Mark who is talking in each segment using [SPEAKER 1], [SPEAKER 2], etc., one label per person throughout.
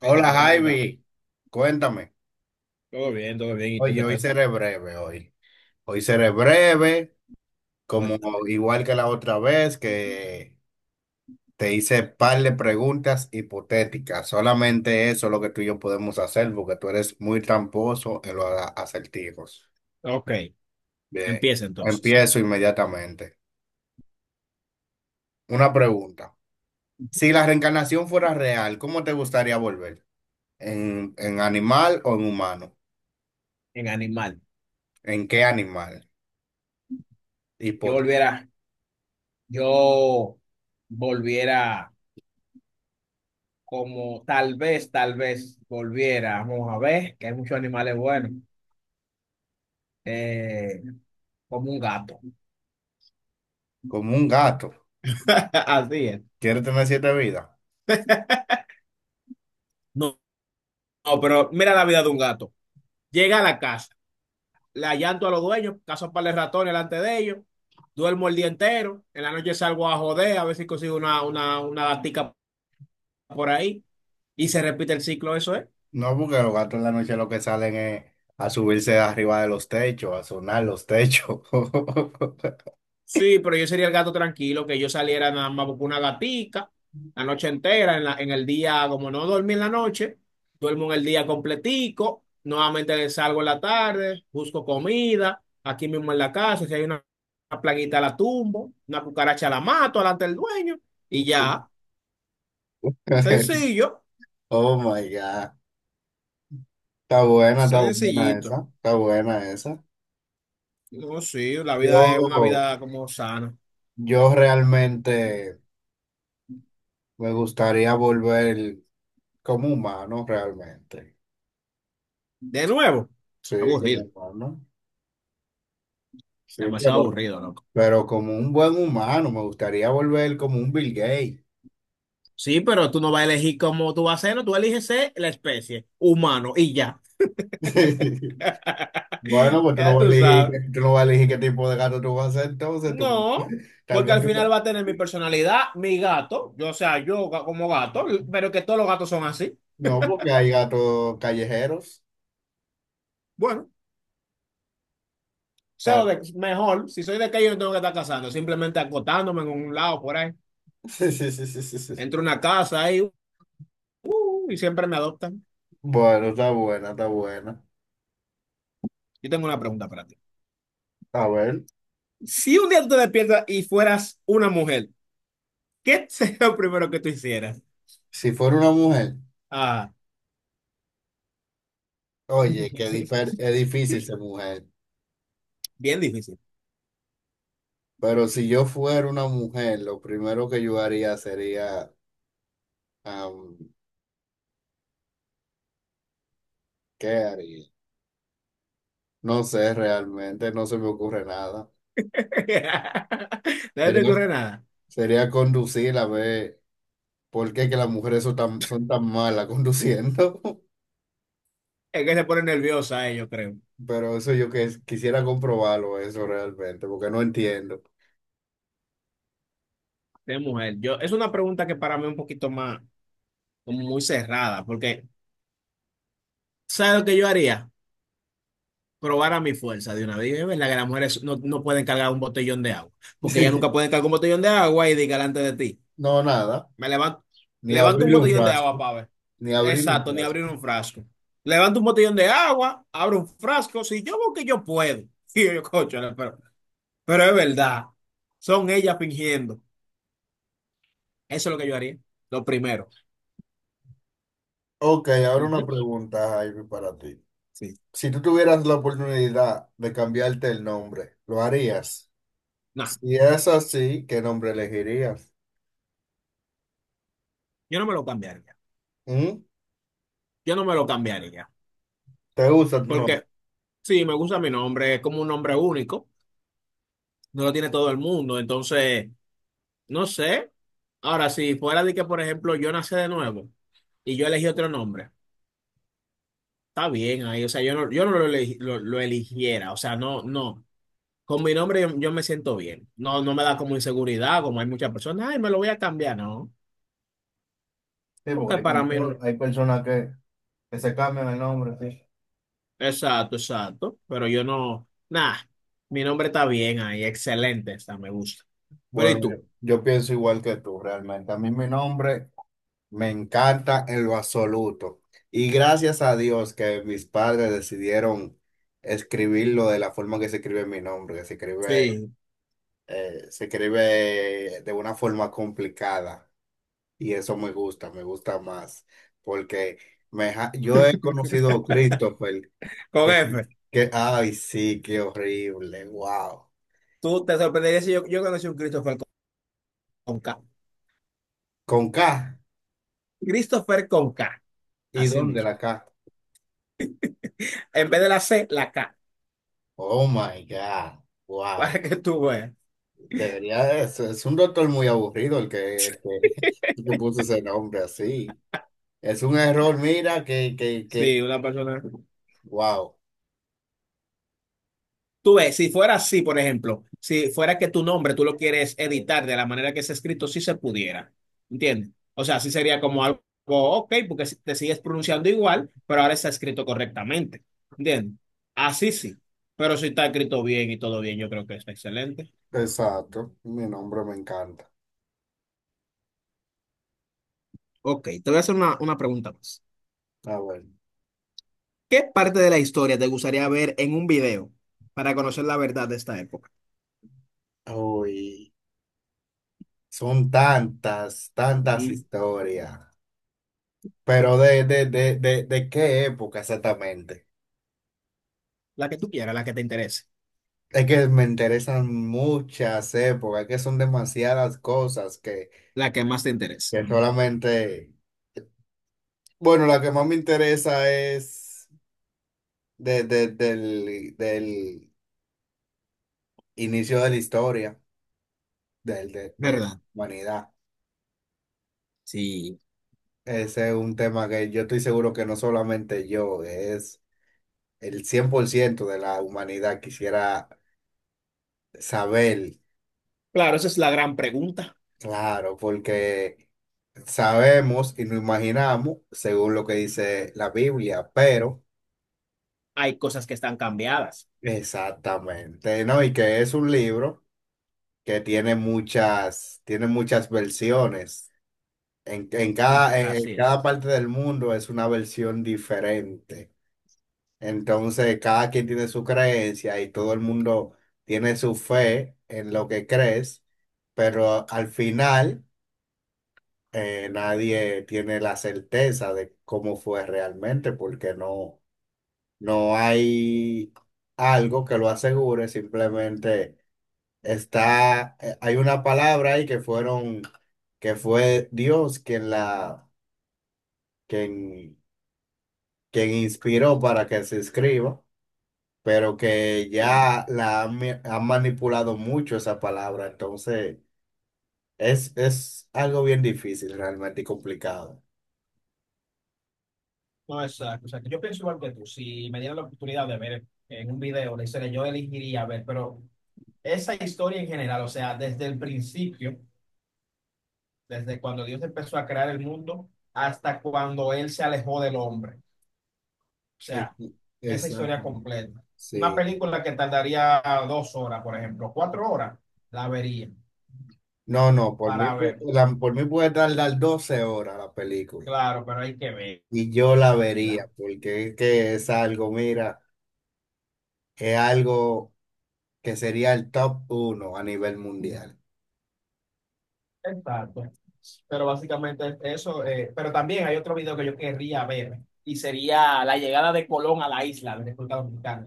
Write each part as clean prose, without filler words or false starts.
[SPEAKER 1] Hey, total, ¿cómo tú estás?
[SPEAKER 2] Javi, cuéntame.
[SPEAKER 1] Todo bien, todo bien. ¿Y tú
[SPEAKER 2] Oye,
[SPEAKER 1] qué
[SPEAKER 2] hoy
[SPEAKER 1] tal?
[SPEAKER 2] seré breve, como
[SPEAKER 1] Cuéntame.
[SPEAKER 2] igual que la otra vez que te hice par de preguntas hipotéticas. Solamente eso es lo que tú y yo podemos hacer porque tú eres muy tramposo en los acertijos.
[SPEAKER 1] Ok,
[SPEAKER 2] Bien,
[SPEAKER 1] empieza entonces.
[SPEAKER 2] empiezo inmediatamente. Una pregunta. Si la reencarnación fuera real, ¿cómo te gustaría volver? ¿En animal o en humano?
[SPEAKER 1] En animal.
[SPEAKER 2] ¿En qué animal? ¿Y
[SPEAKER 1] Yo
[SPEAKER 2] por qué?
[SPEAKER 1] volviera, yo volviera como tal vez volviera. Vamos a ver, que hay muchos animales buenos. Eh, como un gato.
[SPEAKER 2] Como un gato.
[SPEAKER 1] Así es.
[SPEAKER 2] ¿Quieres tener siete vidas?
[SPEAKER 1] No, no, pero mira la vida de un gato. Llega a la casa, la llanto a los dueños, caso para el ratón delante de ellos, duermo el día entero, en la noche salgo a joder, a ver si consigo una gatica por ahí y se repite el ciclo, eso es.
[SPEAKER 2] No, porque los gatos en la noche lo que salen es a subirse arriba de los techos, a sonar los techos.
[SPEAKER 1] Sí, pero yo sería el gato tranquilo, que yo saliera nada más por una gatica la noche entera, en el día, como no dormí en la noche, duermo en el día completico, nuevamente salgo en la tarde, busco comida, aquí mismo en la casa, si hay una plaguita la tumbo, una cucaracha la mato delante del dueño y ya, sencillo,
[SPEAKER 2] Oh my God. Está buena
[SPEAKER 1] sencillito.
[SPEAKER 2] esa. Está buena esa.
[SPEAKER 1] No, sí, la
[SPEAKER 2] Yo,
[SPEAKER 1] vida es una vida como sana.
[SPEAKER 2] yo realmente me gustaría volver como humano, realmente.
[SPEAKER 1] De nuevo,
[SPEAKER 2] Sí, como
[SPEAKER 1] aburrido,
[SPEAKER 2] humano. Sí,
[SPEAKER 1] demasiado
[SPEAKER 2] pero,
[SPEAKER 1] aburrido, ¿no?
[SPEAKER 2] pero como un buen humano, me gustaría volver como un Bill Gates.
[SPEAKER 1] Sí, pero tú no vas a elegir cómo tú vas a ser, no, tú eliges ser la especie, humano, y ya.
[SPEAKER 2] Bueno, pues tú no
[SPEAKER 1] Ya
[SPEAKER 2] vas a
[SPEAKER 1] tú
[SPEAKER 2] elegir,
[SPEAKER 1] sabes.
[SPEAKER 2] qué tipo de gato tú vas a ser, entonces tú,
[SPEAKER 1] No,
[SPEAKER 2] tal
[SPEAKER 1] porque
[SPEAKER 2] vez
[SPEAKER 1] al final
[SPEAKER 2] tú,
[SPEAKER 1] va a tener mi personalidad, mi gato, yo, o sea, como gato, pero que todos los gatos son así.
[SPEAKER 2] no, porque hay gatos callejeros,
[SPEAKER 1] Bueno,
[SPEAKER 2] tal.
[SPEAKER 1] mejor, si soy de que yo no tengo que estar casando, simplemente acotándome en un lado por ahí.
[SPEAKER 2] Sí, sí, sí, sí, sí, sí.
[SPEAKER 1] Entro a una casa ahí, y siempre me adoptan.
[SPEAKER 2] Bueno, está buena, está buena.
[SPEAKER 1] Yo tengo una pregunta para ti.
[SPEAKER 2] A ver,
[SPEAKER 1] Si un día tú te despiertas y fueras una mujer, ¿qué sería lo primero que tú hicieras?
[SPEAKER 2] si fuera una mujer,
[SPEAKER 1] Ah.
[SPEAKER 2] oye, es difícil ser mujer,
[SPEAKER 1] Bien difícil.
[SPEAKER 2] pero si yo fuera una mujer, lo primero que yo haría sería, am, ¿qué haría? No sé realmente, no se me ocurre nada.
[SPEAKER 1] No se te
[SPEAKER 2] Sería,
[SPEAKER 1] ocurre nada.
[SPEAKER 2] sería conducir a ver. ¿Por qué que las mujeres son tan malas conduciendo?
[SPEAKER 1] Es que se pone nerviosa, yo creo.
[SPEAKER 2] Pero eso yo que quisiera comprobarlo, eso realmente, porque no entiendo.
[SPEAKER 1] De mujer. Yo, es una pregunta que para mí es un poquito más, como muy cerrada, porque ¿sabes lo que yo haría? Probar a mi fuerza de una vez. Es verdad que las mujeres no, no pueden cargar un botellón de agua, porque ellas nunca
[SPEAKER 2] Sí.
[SPEAKER 1] pueden cargar un botellón de agua y diga delante de ti.
[SPEAKER 2] No, nada,
[SPEAKER 1] Me levanto,
[SPEAKER 2] ni
[SPEAKER 1] levanto un
[SPEAKER 2] abrir un
[SPEAKER 1] botellón de
[SPEAKER 2] frasco,
[SPEAKER 1] agua para ver.
[SPEAKER 2] ni abrir un
[SPEAKER 1] Exacto, ni
[SPEAKER 2] frasco.
[SPEAKER 1] abrir un frasco. Levanto un botellón de agua, abro un frasco, si yo veo que yo puedo. Y yo, cocho, pero es verdad, son ellas fingiendo. Eso es lo que yo haría, lo primero.
[SPEAKER 2] Ok, ahora una
[SPEAKER 1] Ujú,
[SPEAKER 2] pregunta, Jaime, para ti.
[SPEAKER 1] sí.
[SPEAKER 2] Si tú tuvieras la oportunidad de cambiarte el nombre, ¿lo harías?
[SPEAKER 1] No,
[SPEAKER 2] Si es así, ¿qué nombre elegirías?
[SPEAKER 1] yo no me lo cambiaría.
[SPEAKER 2] ¿Mm?
[SPEAKER 1] Yo no me lo cambiaría.
[SPEAKER 2] ¿Te gusta tu nombre?
[SPEAKER 1] Porque sí, me gusta mi nombre, es como un nombre único, no lo tiene todo el mundo. Entonces, no sé. Ahora, si fuera de que, por ejemplo, yo nací de nuevo y yo elegí otro nombre, está bien ahí. O sea, yo no, lo eligiera. O sea, no, no. Con mi nombre yo, yo me siento bien. No, no me da como inseguridad, como hay muchas personas. Ay, me lo voy a cambiar. No,
[SPEAKER 2] Sí,
[SPEAKER 1] porque
[SPEAKER 2] porque
[SPEAKER 1] para mí no.
[SPEAKER 2] hay personas que se cambian el nombre, sí.
[SPEAKER 1] Exacto, exacto. Pero yo no, nada, mi nombre está bien ahí, excelente está, me gusta. Pero
[SPEAKER 2] Bueno,
[SPEAKER 1] ¿y
[SPEAKER 2] yo,
[SPEAKER 1] tú?
[SPEAKER 2] yo pienso igual que tú realmente. A mí mi nombre me encanta en lo absoluto. Y gracias a Dios que mis padres decidieron escribirlo de la forma que se escribe mi nombre, que
[SPEAKER 1] Sí,
[SPEAKER 2] se escribe de una forma complicada. Y eso me gusta más. Porque yo he conocido a Christopher,
[SPEAKER 1] con
[SPEAKER 2] que,
[SPEAKER 1] F.
[SPEAKER 2] ay, sí, qué horrible, wow.
[SPEAKER 1] Tú te sorprenderías si yo, yo conocí un Christopher con K.
[SPEAKER 2] Con K.
[SPEAKER 1] Christopher con K,
[SPEAKER 2] ¿Y
[SPEAKER 1] así
[SPEAKER 2] dónde
[SPEAKER 1] mismo.
[SPEAKER 2] la K?
[SPEAKER 1] En vez de la C, la K,
[SPEAKER 2] Oh my God. Wow.
[SPEAKER 1] para que tú veas.
[SPEAKER 2] Debería, es un doctor muy aburrido el que puso ese nombre así. Es un error, mira. Que, que.
[SPEAKER 1] Sí, una persona.
[SPEAKER 2] Wow.
[SPEAKER 1] Tú ves, si fuera así, por ejemplo, si fuera que tu nombre tú lo quieres editar de la manera que es escrito, sí se pudiera, ¿entiendes? O sea, sí sería como algo, ok, porque si- te sigues pronunciando igual, pero ahora está escrito correctamente, ¿entiendes? Así sí, pero si está escrito bien y todo bien, yo creo que está excelente.
[SPEAKER 2] Exacto. Mi nombre me encanta.
[SPEAKER 1] Ok, te voy a hacer una pregunta más.
[SPEAKER 2] Ah, bueno.
[SPEAKER 1] ¿Qué parte de la historia te gustaría ver en un video para conocer la verdad de esta época?
[SPEAKER 2] Uy. Son tantas, tantas
[SPEAKER 1] Mm,
[SPEAKER 2] historias. Pero de qué época exactamente.
[SPEAKER 1] la que tú quieras, la que te interese.
[SPEAKER 2] Es que me interesan muchas épocas, es que son demasiadas cosas que,
[SPEAKER 1] La que más te interese,
[SPEAKER 2] solamente. Bueno, la que más me interesa es del inicio de la historia, de
[SPEAKER 1] ¿verdad?
[SPEAKER 2] humanidad.
[SPEAKER 1] Sí.
[SPEAKER 2] Ese es un tema que yo estoy seguro que no solamente yo, es el 100% de la humanidad quisiera saber,
[SPEAKER 1] Claro, esa es la gran pregunta.
[SPEAKER 2] claro, porque sabemos y nos imaginamos según lo que dice la Biblia, pero
[SPEAKER 1] Hay cosas que están cambiadas.
[SPEAKER 2] exactamente, ¿no? Y que es un libro que tiene muchas versiones. En, en
[SPEAKER 1] Mm,
[SPEAKER 2] cada, en
[SPEAKER 1] así
[SPEAKER 2] en
[SPEAKER 1] es.
[SPEAKER 2] cada parte del mundo es una versión diferente. Entonces, cada quien tiene su creencia y todo el mundo tiene su fe en lo que crees, pero al final nadie tiene la certeza de cómo fue realmente, porque no hay algo que lo asegure, simplemente está, hay una palabra ahí que fue Dios quien quien quien inspiró para que se escriba, pero que
[SPEAKER 1] Sí.
[SPEAKER 2] ya la han manipulado mucho esa palabra, entonces es algo bien difícil realmente y complicado.
[SPEAKER 1] No, exacto. O sea, que yo pienso igual que tú. Si me dieran la oportunidad de ver en un video la historia, yo elegiría ver, pero esa historia en general, o sea, desde el principio, desde cuando Dios empezó a crear el mundo hasta cuando Él se alejó del hombre. O
[SPEAKER 2] Es-
[SPEAKER 1] sea, esa historia
[SPEAKER 2] Exacto.
[SPEAKER 1] completa. Una
[SPEAKER 2] Sí.
[SPEAKER 1] película que tardaría 2 horas, por ejemplo, 4 horas, la vería
[SPEAKER 2] No, no,
[SPEAKER 1] para ver.
[SPEAKER 2] por mí puede tardar 12 horas la película
[SPEAKER 1] Claro, pero hay que
[SPEAKER 2] y yo la
[SPEAKER 1] verla.
[SPEAKER 2] vería, porque es que es algo, mira, es algo que sería el top uno a nivel mundial.
[SPEAKER 1] Exacto. Pero básicamente es eso. Pero también hay otro video que yo querría ver y sería la llegada de Colón a la isla de República Dominicana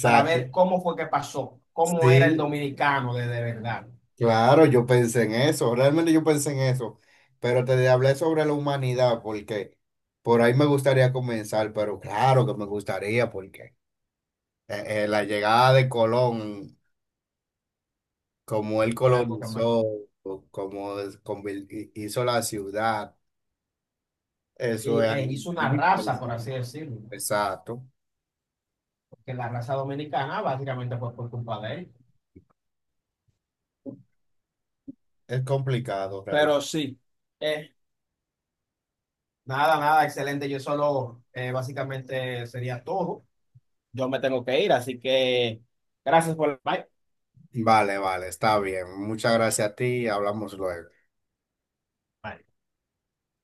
[SPEAKER 1] para ver cómo fue que pasó, cómo era el
[SPEAKER 2] Sí,
[SPEAKER 1] dominicano de verdad.
[SPEAKER 2] claro, yo pensé en eso, realmente yo pensé en eso, pero te hablé sobre la humanidad porque por ahí me gustaría comenzar, pero claro que me gustaría porque la llegada de Colón, como él
[SPEAKER 1] Fue algo que me-
[SPEAKER 2] colonizó, o como hizo la ciudad,
[SPEAKER 1] Y,
[SPEAKER 2] eso es algo
[SPEAKER 1] hizo una
[SPEAKER 2] muy
[SPEAKER 1] raza, por
[SPEAKER 2] interesante.
[SPEAKER 1] así decirlo,
[SPEAKER 2] Exacto,
[SPEAKER 1] porque la raza dominicana básicamente fue por culpa de él.
[SPEAKER 2] es complicado realmente.
[SPEAKER 1] Pero sí, eh, nada, nada, excelente. Yo solo básicamente sería todo. Yo me tengo que ir, así que gracias por el bye.
[SPEAKER 2] Vale, vale, está bien. Muchas gracias a ti, hablamos luego.
[SPEAKER 1] Bye.